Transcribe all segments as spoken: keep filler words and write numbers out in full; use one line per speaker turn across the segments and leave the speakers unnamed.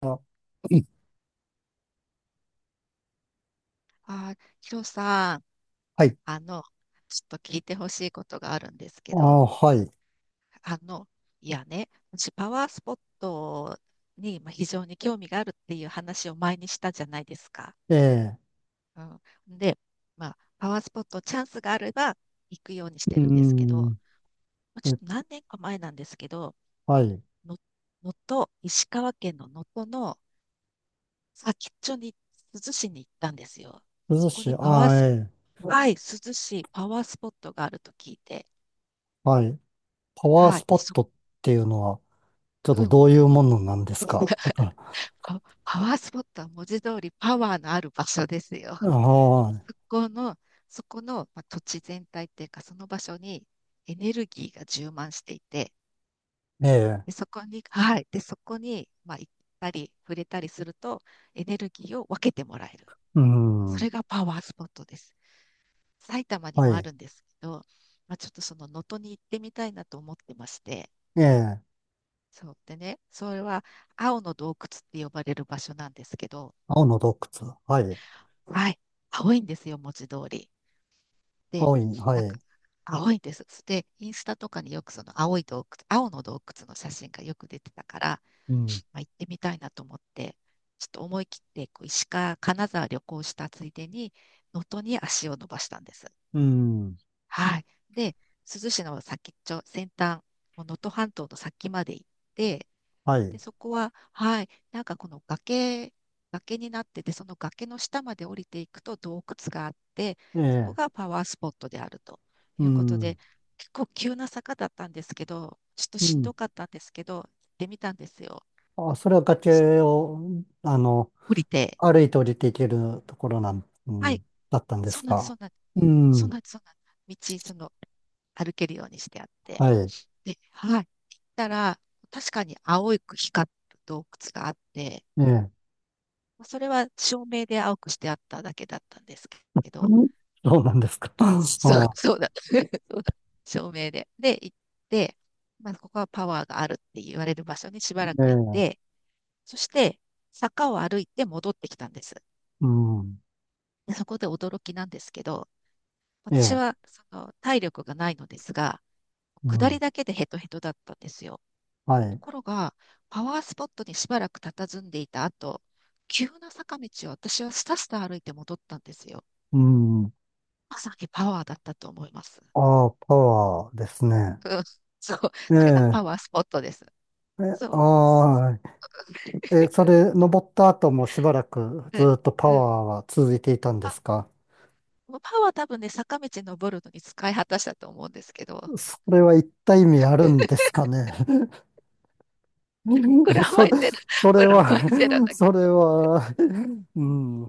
あ、うん
あー、ヒロさん、
はい。
あの、ちょっと聞いてほしいことがあるんですけ
あ
ど、
あ、はい。
あの、いやね、私パワースポットにまあ非常に興味があるっていう話を前にしたじゃないですか。
ええ、
うん、で、まあ、パワースポットチャンスがあれば行くようにして
うー
るんですけど、
ん、
まあちょ
え、
っと何年か前なんですけど、
はい。
の能登、石川県の能登の先っちょに、珠洲市に行ったんですよ。
涼
そこ
しい、
にパワ
あ
ー
あ、
ス、
ええ、
はい、珠洲市パワースポットがあると聞いて、
はい。パワー
は
ス
い。
ポ
で
ッ
そ、
トっていうのは、ち ょっ
う
と
ん。
どういうものなんですか、 ちょっと、
パパワースポットは文字通りパワーのある場所ですよ。
あ あ、
そこの、そこの、まあ、土地全体っていうか、その場所にエネルギーが充満していて、
ええ、
で、そこに、はい。で、そこに、まあ、行ったり、触れたりすると、エネルギーを分けてもらえる。
うー
そ
ん、
れがパワースポットです。埼玉に
は
もあ
い。
るんですけど、まあ、ちょっとその能登に行ってみたいなと思ってまして、
ええ、
そう。でね、それは青の洞窟って呼ばれる場所なんですけど、
青の洞窟、はい。
はい。青いんですよ、文字通り。で、
青い、は
なんか、
い。
青いんです。で、インスタとかによくその青い洞窟、青の洞窟の写真がよく出てたから、
うん、
まあ、行ってみたいなと思って、ちょっと思い切ってこう石川、金沢旅行したついでに、能登に足を伸ばしたんです。
うん、
はい。で、珠洲市の先っちょ、先端、もう能登半島の先まで行って、
は
で、
い。
そこは、はい、なんかこの崖、崖になってて、その崖の下まで降りていくと洞窟があって、
え
そこ
え、
がパワースポットであると
う
いうことで、
ん、
結構急な坂だったんですけど、ちょっと
う
しんど
ん。
かったんですけど、行ってみたんですよ。
あ、それは崖を、あの、
降りて、
歩いて降りていけるところなん、う
はい、
ん、だったんで
そ
す
んなんです、そ
か？
んなんです、
う
そんな
ん。
んです、そんなんです、道、その、歩けるようにしてあって、
はい。
で、はい、行ったら、確かに青く光る洞窟があって、
ええ。
それは照明で青くしてあっただけだったんですけど、
う、そうなんですか。あ
そう、
あ、
そうだ。そうだ照明で。で、行って、まあ、ここはパワーがあるって言われる場所にしばら
え
く行っ
え。
て、そして坂を歩いて戻ってきたんです。
うん。
でそこで驚きなんですけど、
え
私
え。
はその体力がないのですが、
う
下り
ん。
だけでヘトヘトだったんですよ。
は
と
い。
ころが、パワースポットにしばらく佇んでいた後、急な坂道を私はスタスタ歩いて戻ったんですよ。
うん。
まさにパワーだったと思います。
ああ、パワーですね。
うん、そう。
え
それがパ
え。
ワースポットです。
え、
そう。
ああ、え、それ、登った後もしばらく
うん。
ずっとパ
うん。
ワーは続いていたんで
あ、
すか？
もうパワー多分ね、坂道登るのに使い果たしたと思うんですけど、
それは一体意味あるんですかね？
プ ラ
そ
マイ
れ、
ゼロ、
そ れ
プラマイ
は
ゼロだけ
それはうん。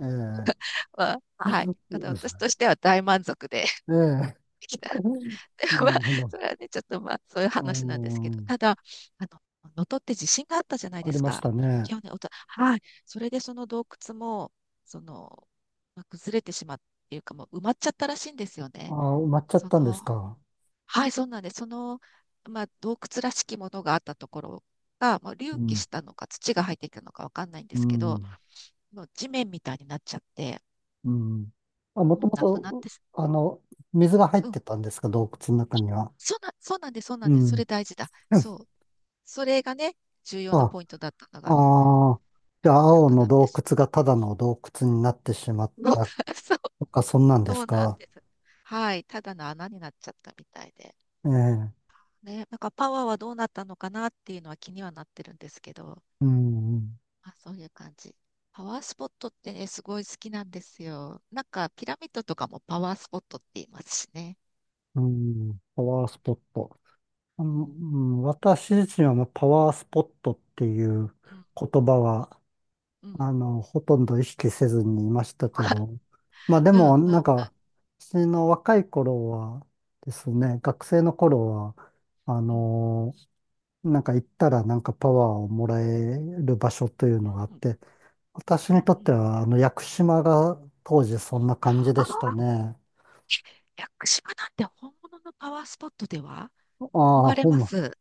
ええ。
は、まあはい。あの私としては大満足で
ええ。
できた。ま
な
あ、
るほど。
それはね、ちょっとまあ、そういう
う
話なんですけど、
ん、
ただ、あの、能登って地震があったじゃない
あ
で
り
す
まし
か。
たね。
去年、おと、はい。それでその洞窟も、その、まあ崩れてしまうっていうか、もう埋まっちゃったらしいんですよね。
ああ、埋まっちゃっ
そ
たんです
の、
か。
はい、そうなんです。その、まあ、洞窟らしきものがあったところが、まあ、隆
う
起
ん、
したのか、土が入ってきたのかわかんないんで
う
すけど、
ん、
もう地面みたいになっちゃって、
うん。あ、もと
もう
も
なくなっ
と、
てす、
あの、水が入っ
うん。
てたんですか、洞窟の中には。
そうな、そうなんです、そうな
う
んです。そ
ん。
れ大事だ。そう。それがね、重要な
あ、
ポイントだったのが、
ああ、じゃあ、
な
青
く
の
なって
洞
し
窟がただの洞窟になってしまっ
まう。
た
そう、
とか、そんなんで
そ
す
うなん
か。
です。はい。ただの穴になっちゃったみたいで。
ええ、
ね、なんかパワーはどうなったのかなっていうのは気にはなってるんですけど、
うん、
まあ、そういう感じ。パワースポットってね、すごい好きなんですよ。なんかピラミッドとかもパワースポットって言いますしね。
うん、パワースポット。う
う
ん、
ん、
うん、私自身はもうパワースポットっていう
うん、
言葉は、
うん。
あの、ほとんど意識せずにいましたけ ど、まあで
うん、うん、
も、なんか、私の若い頃はです
うん、
ね、学生の頃は、あ
うん、
の、なんか行ったらなんかパワーをもらえる場所というのがあっ
うん、
て、私
うん。う
にとって
ん
は、あの、屋久島が当時そんな感じ
あ
で
あ、
したね。
屋久島なんて本物のパワースポットでは
ああ、
憧れ
ほん
ま
ま、
す。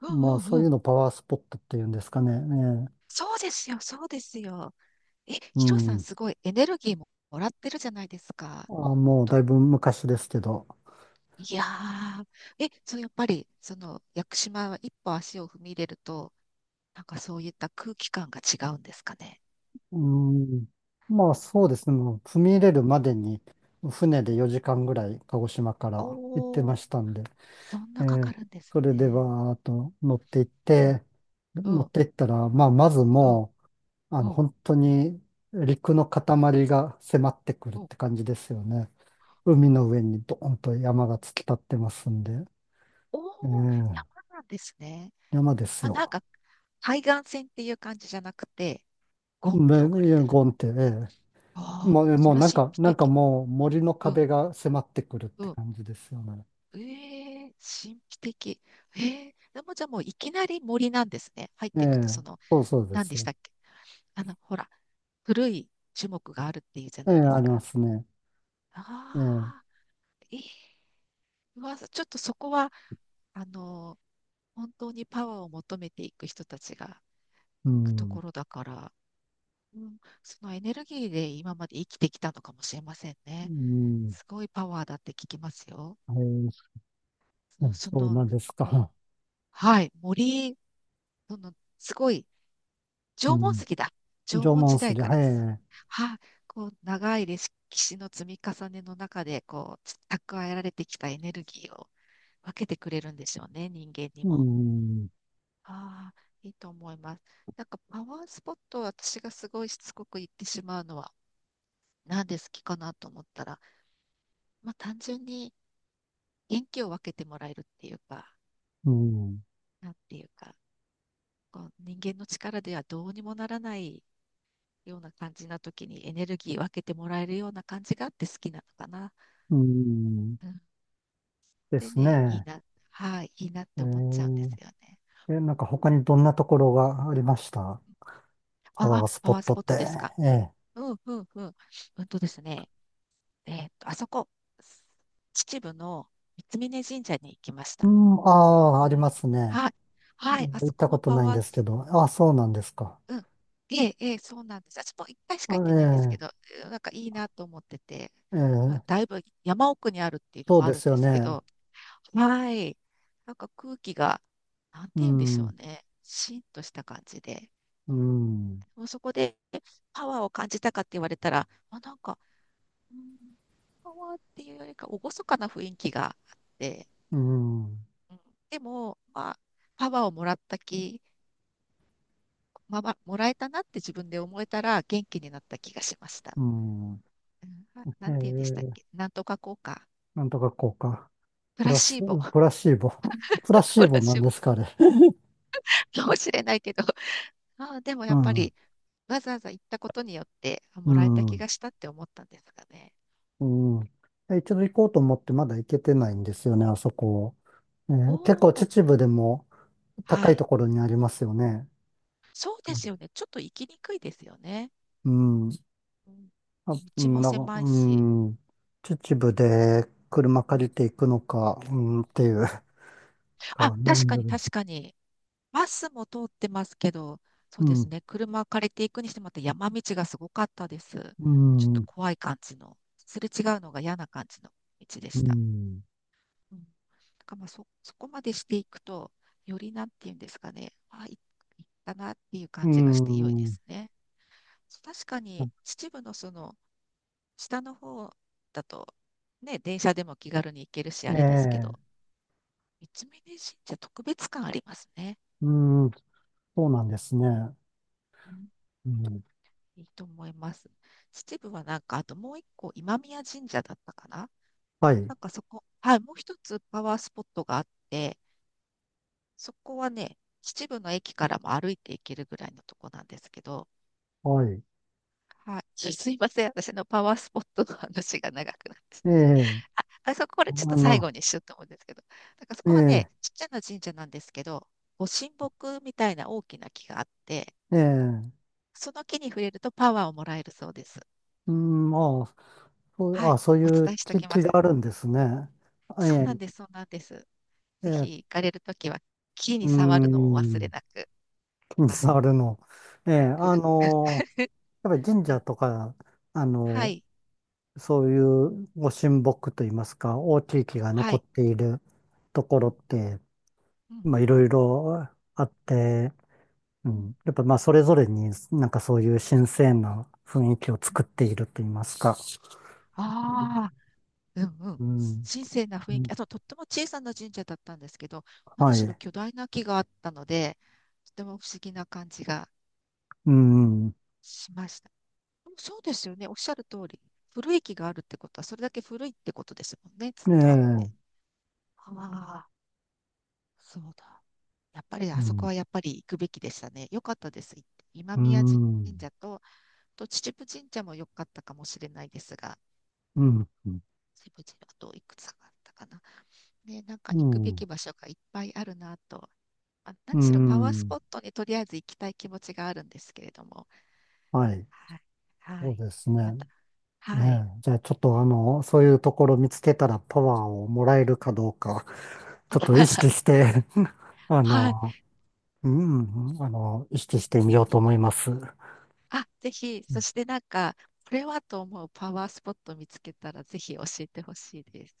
うん
もう
う
そ
ん
う
う
いう
ん。
のパワースポットっていうんですかね。ええ、
そうですよ、そうですよ。え、
う
ヒロさん、
ん。
すごいエネルギーももらってるじゃないですか。
ああ、もう
と、
だいぶ昔ですけど。
いやー、え、そう、やっぱり、その、屋久島は一歩足を踏み入れると、なんかそういった空気感が違うんですかね。
うん。まあそうですね。もう踏み入れるまでに船
う
で
ん
よじかんぐらい鹿児島から行って
お
ま
ー、
したんで、
そん
え
なかか
ー、
るんです
それで
ね。
はーっと乗っていっ
うん、
て、
う
乗っ
ん、
ていったら、まあまず
うん、
もう、あの
うん、
本当に陸の
うん、
塊が迫ってくるっ
うん。
て感じですよね。海の上にドーンと山が突き立ってますんで、
おー、山
ええ、
なんですね。
山です
まあ、なん
よ。
か、海岸線っていう感じじゃなくて、ゴンって置かれ
で、
てる。
ゴンって、ええ、
ああ、
もう、
そ
もう
ら
なん
神
か、
秘
なんか
的。
もう森の
うん、
壁が迫ってくるっ
う
て
ん。
感じですよね。
ええ神秘的。ええでもじゃあもういきなり森なんですね。入っ
え
ていくと、
え、
その、
そうそうで
何
す。
でしたっけあの、ほら、古い樹木があるっていうじゃ
ええ、
ないで
あ
す
りま
か。
すね。ええ、
ああ、ええうわ、ちょっとそこは、あの、本当にパワーを求めていく人たちが行
う
くとこ
ん、
ろだから、うん、そのエネルギーで今まで生きてきたのかもしれません
う
ね。
ん、
すごいパワーだって聞きますよ。
はい、
そ
そ
の、
う
そ
そうな
の、
んです
も
か。
はい、森そのすごい
う
縄文
ん、
石だ。縄
縄
文時
文
代
筋、
から続く。
はい、
はあ、こう長い歴史の積み重ねの中でこう蓄えられてきたエネルギーを分けてくれるんでしょうね、人間に
う
も。
ん、
ああ、いいと思います。なんかパワースポットを私がすごいしつこく言ってしまうのは、なんで好きかなと思ったら、まあ、単純に元気を分けてもらえるっていうか、
うん、
なんていうか、こう人間の力ではどうにもならないような感じな時にエネルギー分けてもらえるような感じがあって好きなのかな。
うん、
うん、
で
で
す
ね、いい
ね。
な、はい、いいなって思っちゃうんで
え
すよね。
え、え、なんか他にどんなところがありました？パ
あ
ワ
あ、
ース
パ
ポ
ワー
ッ
ス
ト
ポ
っ
ッ
て。
トですか。
ええ、
うんうんうん。うんとですね、えーっと、あそこ、秩父の三峯神社に行きまし
う
た。
ん、ああ、
う
あり
ん、
ますね。
はい、
あ
はい、
の
あ
行っ
そこ
た
も
こと
パ
ないん
ワー
ですけ
ス、
ど、ああ、そうなんですか。
うん、ええ、ええ、そうなんです。私も一回しか行ってないんですけ
あ、
ど、うんなんかいいなと思ってて、
ええ、
まあ、
え
だ
え、
いぶ山奥にあるっていうの
そう
もあ
で
るん
すよ
ですけ
ね。
ど、はい。なんか空気が、なん
う
て言うんでし
ん、
ょ
う
うね。シンとした感じで。
ん、
もうそこでパワーを感じたかって言われたら、あ、なんか、うん、パワーっていうよりか、厳かな雰囲気があって、
うん、
うん、でも、まあ、パワーをもらった気、まあまあ、もらえたなって自分で思えたら元気になった気がしました。
うん。
うん、あな
え
んて言うんでしたっ
え、
けなんとか効果。
なんとか効果。
プ
プ
ラ
ラス、
シーボ。
プラシーボ。プラ シ
プ
ー
ラ
ボな
シ
ん
ーボ
ですか、あれ。
かもしれないけど、あ、でもや
う
っぱ
ん、
り、わざわざ行ったことによって、あ、
う
もらえた気
ん、
がしたって思ったんですかね。
うん。え、一度行こうと思ってまだ行けてないんですよね、あそこ。え
お
え、結構
お、
秩父でも高
は
い
い。
ところにありますよね。
そうですよね。ちょっと行きにくいですよね。
うん。
うん、
あ、う
道
ん
も
なんか、
狭い
う
し。
ん。秩
うん、
父で車
う
借り
ん、
ていくのか、うん、っていう。
うん。あ、
か、なる
確か
な
に
る。
確かに。バスも通ってますけど、そ
う
うです
ん、
ね。車を借りていくにしても、また山道がすごかったです。
う
ちょっと
ん、
怖い感じの、すれ違うのが嫌な感じの道で
う
した。
ん、
うん、だからまあそ、そこまでしていくと、よりなんていうんですかね、あ、い、いったなっていう
う
感じがして良いで
ん。
すね。確かに秩父のその下の方だと、ね、電車でも気軽に行けるし、あ
え
れですけ
え、
ど、三峯神社特別感ありますね。
うん、そうなんですね。
うん、
うん、
いいと思います。秩父はなんか、あともう一個、今宮神社だったかな。
はい、
なんかそこ、はい、もう一つパワースポットがあって、そこはね、秩父の駅からも歩いて行けるぐらいのとこなんですけど、
はい。
はい、すいません、私のパワースポットの話が長くなって。
ええ、
あ、あそこ、こ
あ
れちょっと最
の、
後にしようと思うんですけど、なんかそ
え
こは
え、
ね、ちっちゃな神社なんですけど、ご神木みたいな大きな木があって、
ええ、
その木に触れるとパワーをもらえるそうです。
うん、まあ、そう、
はい、
あ、そう
お
い
伝
う
えしてお
気、
きま
気
す。
があるんですね。え
そうなん
え、
です、そうなんです。
え
ぜひ
え、
行かれるときは、木に
う
触るのをお忘れ
ん、
なく。
気に
はい。
障るの。ええ、あ の、やっぱり神
う
社
ん、
とか、あ
は
の、
い、
そういうご神木といいますか、大きい木が
は
残
い、
っているとこ
う
ろ
ん、
って、
うん、
まあ、いろいろあって、う
うん。
ん、やっぱまあ、それぞれになんかそういう新鮮な雰囲気を作っていると言いますか。
ああ、うんうん。
うん、
神聖な
う
雰囲気。
ん
あと、とっても小さな神社だったんですけど、何
は
しろ
い。
巨大な木があったので、とても不思議な感じが
うん、ね
しました。そうですよね。おっしゃる通り。古い木があるってことは、それだけ古いってことですもんね。ずっ
え、
とあって。
う
ああ、そうだ。やっぱり、あそこ
ん、
はやっぱり行くべきでしたね。よかったです。行って今
う
宮神
ん、うん、
社と、あと秩父神社も良かったかもしれないですが、秩父神社あといくつかあったかな。ね、なんか
う
行くべき
ん、
場所がいっぱいあるなと。あ、
う
何しろパワース
ん、
ポットにとりあえず行きたい気持ちがあるんですけれども。
はい。
はい。は
そう
い。
です
ま
ね。
た。はい。
ねえ、じゃあちょっとあの、そういうところ見つけたらパワーをもらえるかどうか、ちょっと意識 して、あ
はい。
の、うん、あの、意識
ぜひ
してみ
ぜ
ようと
ひ。
思います。う
あ、ぜひ。そしてなんか、これはと思うパワースポット見つけたらぜひ教えてほしいです。